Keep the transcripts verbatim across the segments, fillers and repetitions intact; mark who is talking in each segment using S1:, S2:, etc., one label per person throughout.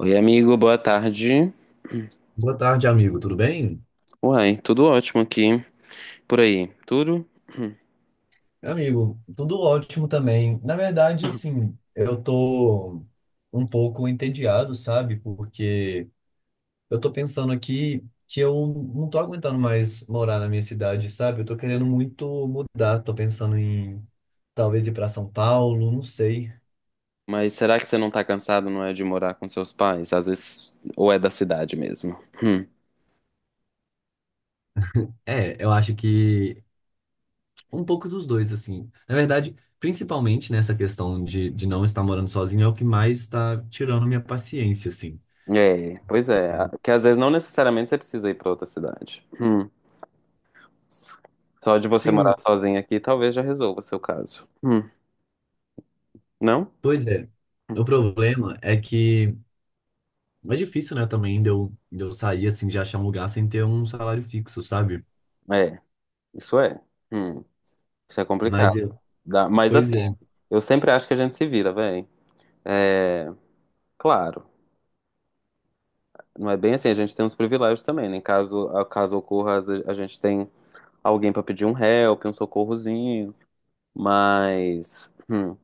S1: Oi, amigo, boa tarde.
S2: Boa tarde, amigo. Tudo bem?
S1: Uai, tudo ótimo aqui. Por aí, tudo? Hum.
S2: Amigo, tudo ótimo também. Na verdade, assim, eu tô um pouco entediado, sabe? Porque eu tô pensando aqui que eu não tô aguentando mais morar na minha cidade, sabe? Eu tô querendo muito mudar, tô pensando em talvez ir pra São Paulo, não sei.
S1: Mas será que você não tá cansado, não é, de morar com seus pais? Às vezes, ou é da cidade mesmo? Hum.
S2: É, eu acho que um pouco dos dois, assim. Na verdade, principalmente nessa questão de, de não estar morando sozinho, é o que mais está tirando minha paciência, assim.
S1: É, pois é. a- Que às vezes não necessariamente você precisa ir pra outra cidade. Hum. Só de você
S2: Sim,
S1: morar sozinho aqui, talvez já resolva o seu caso. Hum. Não?
S2: pois é. O problema é que é difícil, né, também de eu, de eu sair assim, de achar um lugar sem ter um salário fixo, sabe?
S1: É, isso é. Hum. Isso é
S2: Mas
S1: complicado.
S2: eu,
S1: Dá- Mas
S2: pois
S1: assim,
S2: é.
S1: eu sempre acho que a gente se vira, véi. É, claro. Não é bem assim, a gente tem uns privilégios também, né? Caso, a- caso ocorra, às vezes a gente tem alguém pra pedir um help, um socorrozinho. Mas hum,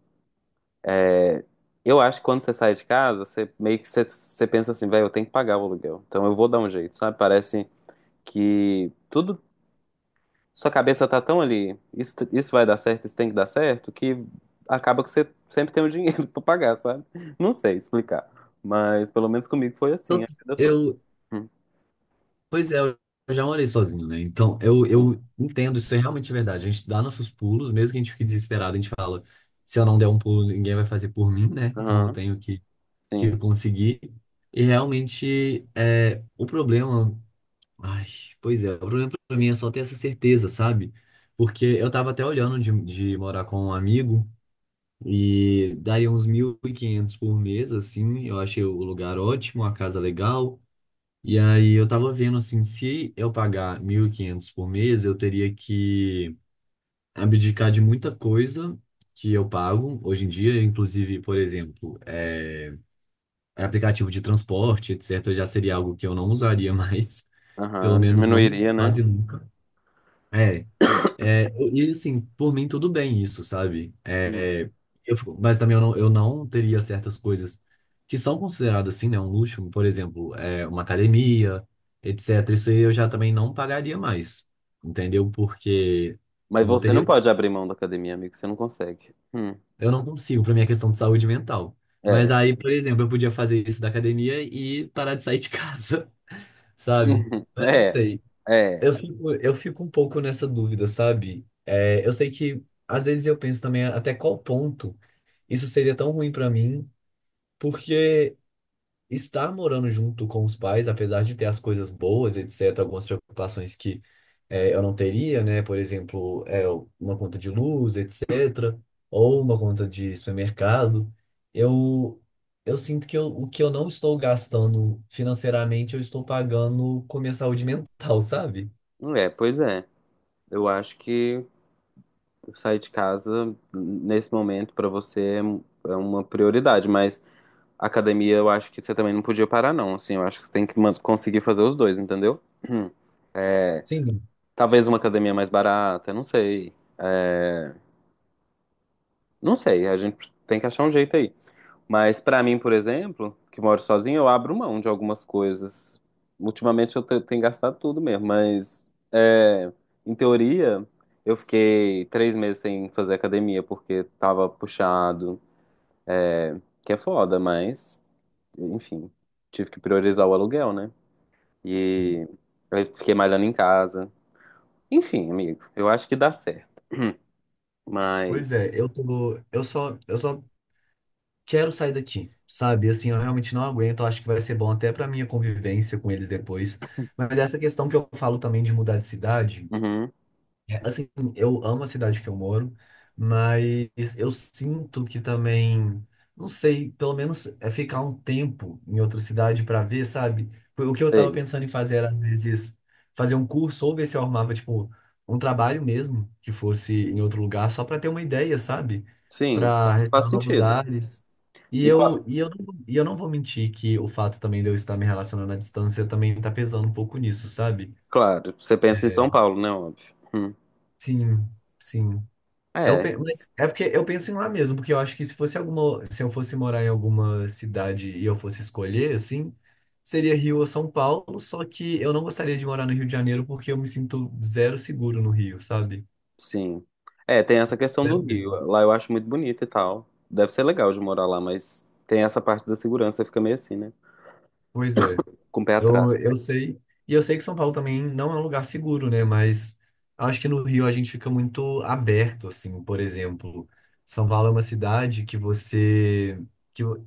S1: é, eu acho que quando você sai de casa, você meio que você, você pensa assim, velho, eu tenho que pagar o aluguel. Então eu vou dar um jeito, sabe? Parece que tudo, sua cabeça tá tão ali, isso, isso, vai dar certo, isso tem que dar certo, que acaba que você sempre tem o dinheiro pra pagar, sabe? Não sei explicar. Mas pelo menos comigo foi assim
S2: Então,
S1: a vida toda.
S2: Eu,
S1: Hum,
S2: pois é, eu já morei sozinho, né? Então, eu,
S1: Sim.
S2: eu entendo, isso é realmente verdade. A gente dá nossos pulos, mesmo que a gente fique desesperado, a gente fala, se eu não der um pulo, ninguém vai fazer por mim, né? Então eu
S1: Aham,
S2: tenho que, que
S1: sim.
S2: conseguir. E realmente, é, o problema. Ai, pois é, o problema pra mim é só ter essa certeza, sabe? Porque eu tava até olhando de, de morar com um amigo e daria uns mil e quinhentos por mês, assim. Eu achei o lugar ótimo, a casa legal. E aí eu tava vendo, assim, se eu pagar mil e quinhentos por mês, eu teria que abdicar de muita coisa que eu pago hoje em dia, inclusive, por exemplo, é, aplicativo de transporte, etcétera, já seria algo que eu não usaria mais, pelo
S1: Aham,
S2: menos não
S1: diminuiria, né?
S2: quase nunca. É, E assim, por mim tudo bem isso, sabe?
S1: Uhum.
S2: É, eu fico- mas também eu não, eu não teria certas coisas que são consideradas assim, né, um luxo, por exemplo, é, uma academia, etcétera. Isso aí eu já também não pagaria mais, entendeu? Porque
S1: Mas
S2: não
S1: você não
S2: teria,
S1: pode abrir mão da academia, amigo, você não consegue. Hum,
S2: eu não consigo para minha questão de saúde mental. Mas
S1: É.
S2: aí, por exemplo, eu podia fazer isso da academia e parar de sair de casa, sabe?
S1: Uhum.
S2: Mas não
S1: É.
S2: sei.
S1: É.
S2: Eu fico, eu fico um pouco nessa dúvida, sabe? É, eu sei que às vezes eu penso também até qual ponto isso seria tão ruim pra mim, porque estar morando junto com os pais, apesar de ter as coisas boas, etcétera, algumas preocupações que é, eu não teria, né? Por exemplo, é, uma conta de luz, etcétera, ou uma conta de supermercado, eu, eu sinto que eu, o que eu não estou gastando financeiramente, eu estou pagando com minha saúde mental, sabe?
S1: É, pois é. Eu acho que sair de casa nesse momento pra você é um, é uma prioridade, mas academia eu acho que você também não podia parar, não. Assim, eu acho que você tem que man- conseguir fazer os dois, entendeu? Uhum. É.
S2: Sim.
S1: Talvez uma academia mais barata, não sei. É, não sei, a gente tem que achar um jeito aí. Mas pra mim, por exemplo, que moro sozinho, eu abro mão de algumas coisas. Ultimamente eu te- tenho gastado tudo mesmo, mas é, em teoria eu fiquei três meses sem fazer academia porque tava puxado, que é foda, mas enfim, tive que priorizar o aluguel, né? E aí fiquei malhando em casa. Enfim, amigo, eu acho que dá certo,
S2: Pois
S1: mas
S2: é, eu tô, eu só, eu só quero sair daqui, sabe? Assim, eu realmente não aguento, eu acho que vai ser bom até pra minha convivência com eles depois. Mas essa questão que eu falo também de mudar de cidade.
S1: uhum,
S2: É, Assim, eu amo a cidade que eu moro, mas eu sinto que também, não sei, pelo menos é ficar um tempo em outra cidade para ver, sabe? Foi O que eu tava
S1: sei.
S2: pensando em fazer era, às vezes, fazer um curso ou ver se eu arrumava, tipo, um trabalho mesmo, que fosse em outro lugar, só para ter uma ideia, sabe?
S1: Sim,
S2: Para
S1: faz
S2: restaurar novos
S1: sentido.
S2: ares. E
S1: E qua-
S2: eu, e eu não, e eu não vou mentir que o fato também de eu estar me relacionando à distância também tá pesando um pouco nisso, sabe?
S1: claro, você pensa em São Paulo, né, óbvio. Hum.
S2: Sim, sim. Eu,
S1: É,
S2: pe- mas é porque eu penso em lá mesmo, porque eu acho que se fosse alguma, se eu fosse morar em alguma cidade e eu fosse escolher, assim, seria Rio ou São Paulo, só que eu não gostaria de morar no Rio de Janeiro porque eu me sinto zero seguro no Rio, sabe?
S1: sim. É, tem essa questão do
S2: Zero
S1: Rio.
S2: mesmo.
S1: Lá eu acho muito bonito e tal. Deve ser legal de morar lá, mas tem essa parte da segurança, fica meio assim, né?
S2: Pois é.
S1: Com o pé atrás.
S2: Eu, eu sei. E eu sei que São Paulo também não é um lugar seguro, né? Mas acho que no Rio a gente fica muito aberto, assim. Por exemplo, São Paulo é uma cidade que você. Que, vo-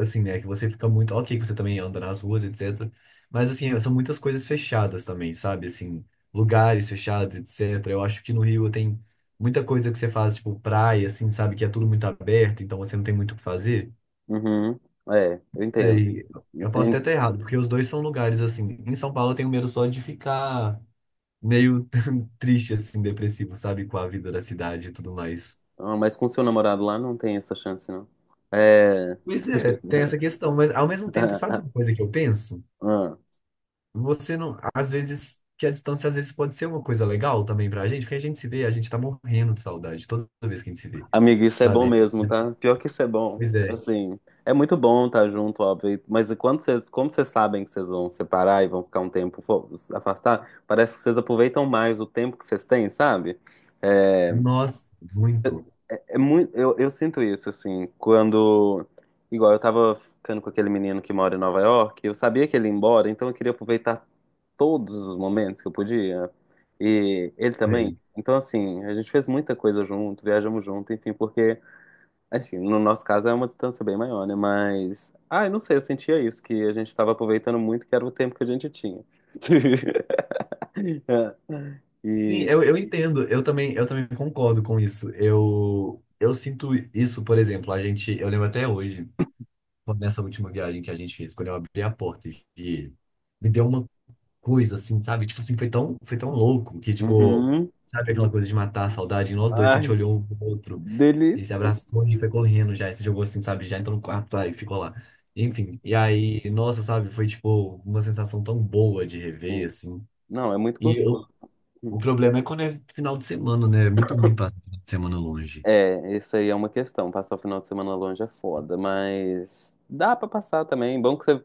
S2: assim, né? Que você fica muito. Ok, que você também anda nas ruas, etcétera. Mas, assim, são muitas coisas fechadas também, sabe? Assim, lugares fechados, etcétera. Eu acho que no Rio tem muita coisa que você faz, tipo, praia, assim, sabe? Que é tudo muito aberto, então você não tem muito o que fazer.
S1: Uhum. É, eu entendo.
S2: Sei, eu posso até
S1: Entendi.
S2: estar errado, porque os dois são lugares assim. Em São Paulo eu tenho medo só de ficar meio triste, assim, depressivo, sabe, com a vida da cidade e tudo mais.
S1: Ah, mas com seu namorado lá não tem essa chance, não. É.
S2: Pois é, tem essa questão, mas ao mesmo tempo, sabe uma coisa que eu penso?
S1: Ah,
S2: Você não, às vezes, que a distância às vezes pode ser uma coisa legal também pra gente, porque a gente se vê, a gente tá morrendo de saudade toda vez que a gente se vê,
S1: amigo, isso é bom
S2: sabe?
S1: mesmo, tá? Pior que isso é bom.
S2: Pois é,
S1: Assim, é muito bom estar junto, óbvio. Mas quando vocês, como vocês sabem que vocês vão separar e vão ficar um tempo fo- afastar, parece que vocês aproveitam mais o tempo que vocês têm, sabe? É,
S2: nossa, muito,
S1: é muito, eu, eu sinto isso, assim, quando. Igual eu tava ficando com aquele menino que mora em Nova York, eu sabia que ele ia embora, então eu queria aproveitar todos os momentos que eu podia. E ele também.
S2: sei.
S1: Então, assim, a gente fez muita coisa junto, viajamos junto, enfim, porque. Assim, no nosso caso é uma distância bem maior, né? Mas. Ah, eu não sei, eu sentia isso, que a gente estava aproveitando muito, que era o tempo que a gente tinha. É.
S2: Sim,
S1: E.
S2: eu, eu entendo, eu também, eu também concordo com isso. Eu, eu sinto isso, por exemplo, a gente, eu lembro até hoje, quando nessa última viagem que a gente fez, quando eu abri a porta e vi- me deu uma coisa assim, sabe? Tipo assim, foi tão, foi tão louco que, tipo,
S1: Uhum.
S2: sabe aquela coisa de matar a saudade em nós dois, que a gente
S1: Ai, que
S2: olhou um pro outro e se
S1: delícia!
S2: abraçou e foi correndo já, e se jogou assim, sabe? Já entrou no quarto tá, e ficou lá. Enfim, e aí, nossa, sabe? Foi, tipo, uma sensação tão boa de rever,
S1: Sim.
S2: assim.
S1: Não, é muito
S2: E eu,
S1: gostoso.
S2: o problema é quando é final de semana, né? É muito ruim passar final de semana longe.
S1: É, isso aí é uma questão. Passar o final de semana longe é foda, mas dá pra passar também. Bom que você,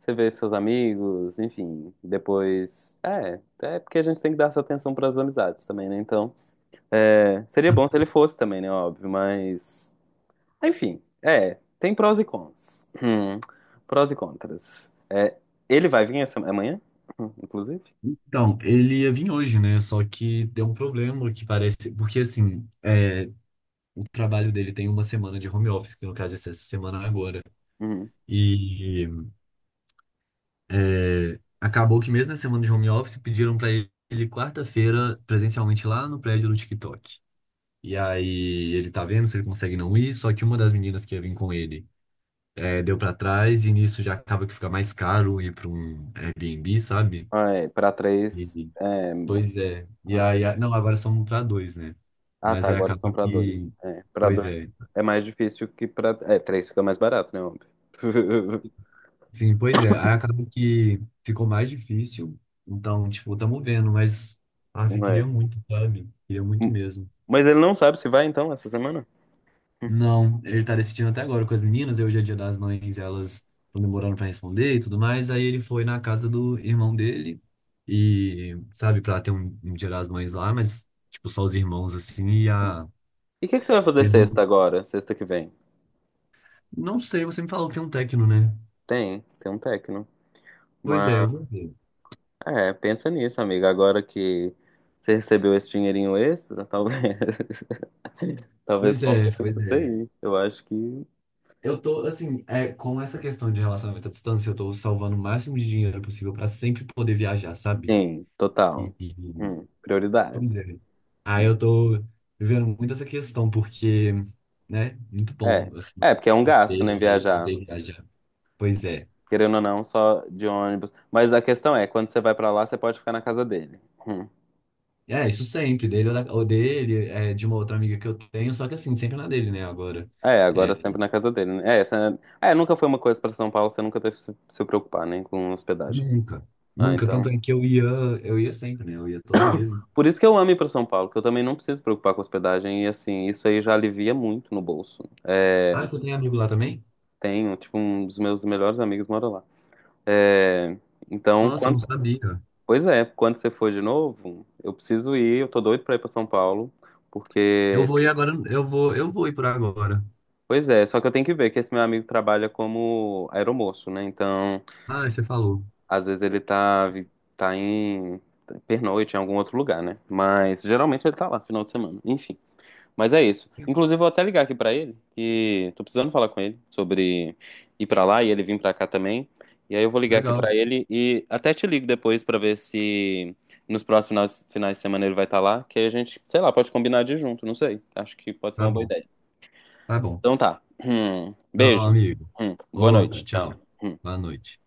S1: você vê seus amigos, enfim. Depois. É, é porque a gente tem que dar essa atenção pras amizades também, né? Então. É, seria bom se ele fosse também, né? Óbvio, mas. Enfim, é. Tem prós e cons. Hum, prós e contras. É, ele vai vir essa é amanhã, hum, inclusive?
S2: Então, ele ia vir hoje, né? Só que deu um problema que parece. Porque, assim, é, o trabalho dele tem uma semana de home office, que no caso é essa semana agora.
S1: Hum.
S2: E é, acabou que, mesmo na semana de home office, pediram pra ele quarta-feira presencialmente lá no prédio do TikTok. E aí ele tá vendo se ele consegue não ir, só que uma das meninas que ia vir com ele é, deu pra trás, e nisso já acaba que fica mais caro ir pra um Airbnb, sabe?
S1: Ah, é, pra três.
S2: E-
S1: É,
S2: Pois é. E
S1: menos-
S2: aí, a- não, agora são para dois, né?
S1: ah, tá,
S2: Mas aí
S1: agora
S2: acaba
S1: são pra dois.
S2: que.
S1: É, pra
S2: Pois
S1: dois
S2: é.
S1: é mais difícil que pra. É, três fica mais barato, né? Óbvio.
S2: Sim, pois é. Aí acaba que ficou mais difícil. Então, tipo, estamos vendo, mas. Ah, eu
S1: Não é.
S2: queria muito, sabe? Queria muito
S1: Hum,
S2: mesmo.
S1: Mas ele não sabe se vai então essa semana?
S2: Não, ele tá decidindo até agora com as meninas. E hoje é dia das mães, elas estão demorando para responder e tudo mais. Aí ele foi na casa do irmão dele e, sabe, para ter um, um dia das mães lá, mas, tipo, só os irmãos assim e a.
S1: E o que que você vai fazer sexta agora? Sexta que vem?
S2: Não sei, você me falou que tem um técnico, né?
S1: Tem, tem um tecno.
S2: Pois é, eu vou ver.
S1: É, pensa nisso, amiga. Agora que você recebeu esse dinheirinho extra, talvez, talvez
S2: Pois é,
S1: compense
S2: pois
S1: isso
S2: é.
S1: aí. Eu acho que
S2: Eu tô, assim, é, com essa questão de relacionamento à distância, eu tô salvando o máximo de dinheiro possível pra sempre poder viajar, sabe?
S1: sim, total.
S2: E, e- e-
S1: Hum,
S2: Pois
S1: prioridades.
S2: é. Aí
S1: Hum,
S2: eu tô vivendo muito essa questão, porque, né, muito
S1: É,
S2: bom, assim,
S1: é porque é um gasto,
S2: poder
S1: né,
S2: sair,
S1: viajar.
S2: poder viajar. Pois é.
S1: Querendo ou não, só de ônibus. Mas a questão é, quando você vai pra lá, você pode ficar na casa dele. Hum.
S2: É, isso sempre, dele ou, da- ou dele, é, de uma outra amiga que eu tenho, só que assim, sempre na dele, né, agora.
S1: É,
S2: É,
S1: agora sempre na casa dele, né? É, essa- é, nunca foi uma coisa pra São Paulo, você nunca teve que se se preocupar, né, com hospedagem.
S2: nunca,
S1: Ah,
S2: nunca.
S1: então
S2: Tanto é que eu ia, eu ia sempre, né? Eu ia todo mês.
S1: por isso que eu amo ir para São Paulo, que eu também não preciso me preocupar com hospedagem e assim, isso aí já alivia muito no bolso. É,
S2: Ah, você tem amigo lá também?
S1: tenho, tipo, um dos meus melhores amigos mora lá. É, então,
S2: Nossa, eu
S1: quando,
S2: não sabia.
S1: pois é, quando você for de novo, eu preciso ir, eu tô doido para ir para São Paulo,
S2: Eu
S1: porque,
S2: vou ir agora, eu vou, eu vou ir por agora.
S1: pois é, só que eu tenho que ver que esse meu amigo trabalha como aeromoço, né? Então,
S2: Ah, você falou.
S1: às vezes ele tá vi- tá em tá, pernoite em algum outro lugar, né? Mas geralmente ele tá lá final de semana. Enfim. Mas é isso. Inclusive, vou até ligar aqui pra ele, que tô precisando falar com ele sobre ir pra lá e ele vir pra cá também. E aí eu vou ligar aqui
S2: Legal.
S1: pra ele e até te ligo depois pra ver se nos próximos finais de semana ele vai estar lá, que aí a gente, sei lá, pode combinar de ir junto, não sei. Acho que pode ser
S2: Tá
S1: uma boa
S2: bom,
S1: ideia.
S2: tá bom.
S1: Então tá. Hum.
S2: Tá bom,
S1: Beijo.
S2: amigo.
S1: Hum. Boa
S2: Outro,
S1: noite. Tchau.
S2: tchau.
S1: Hum.
S2: Boa noite.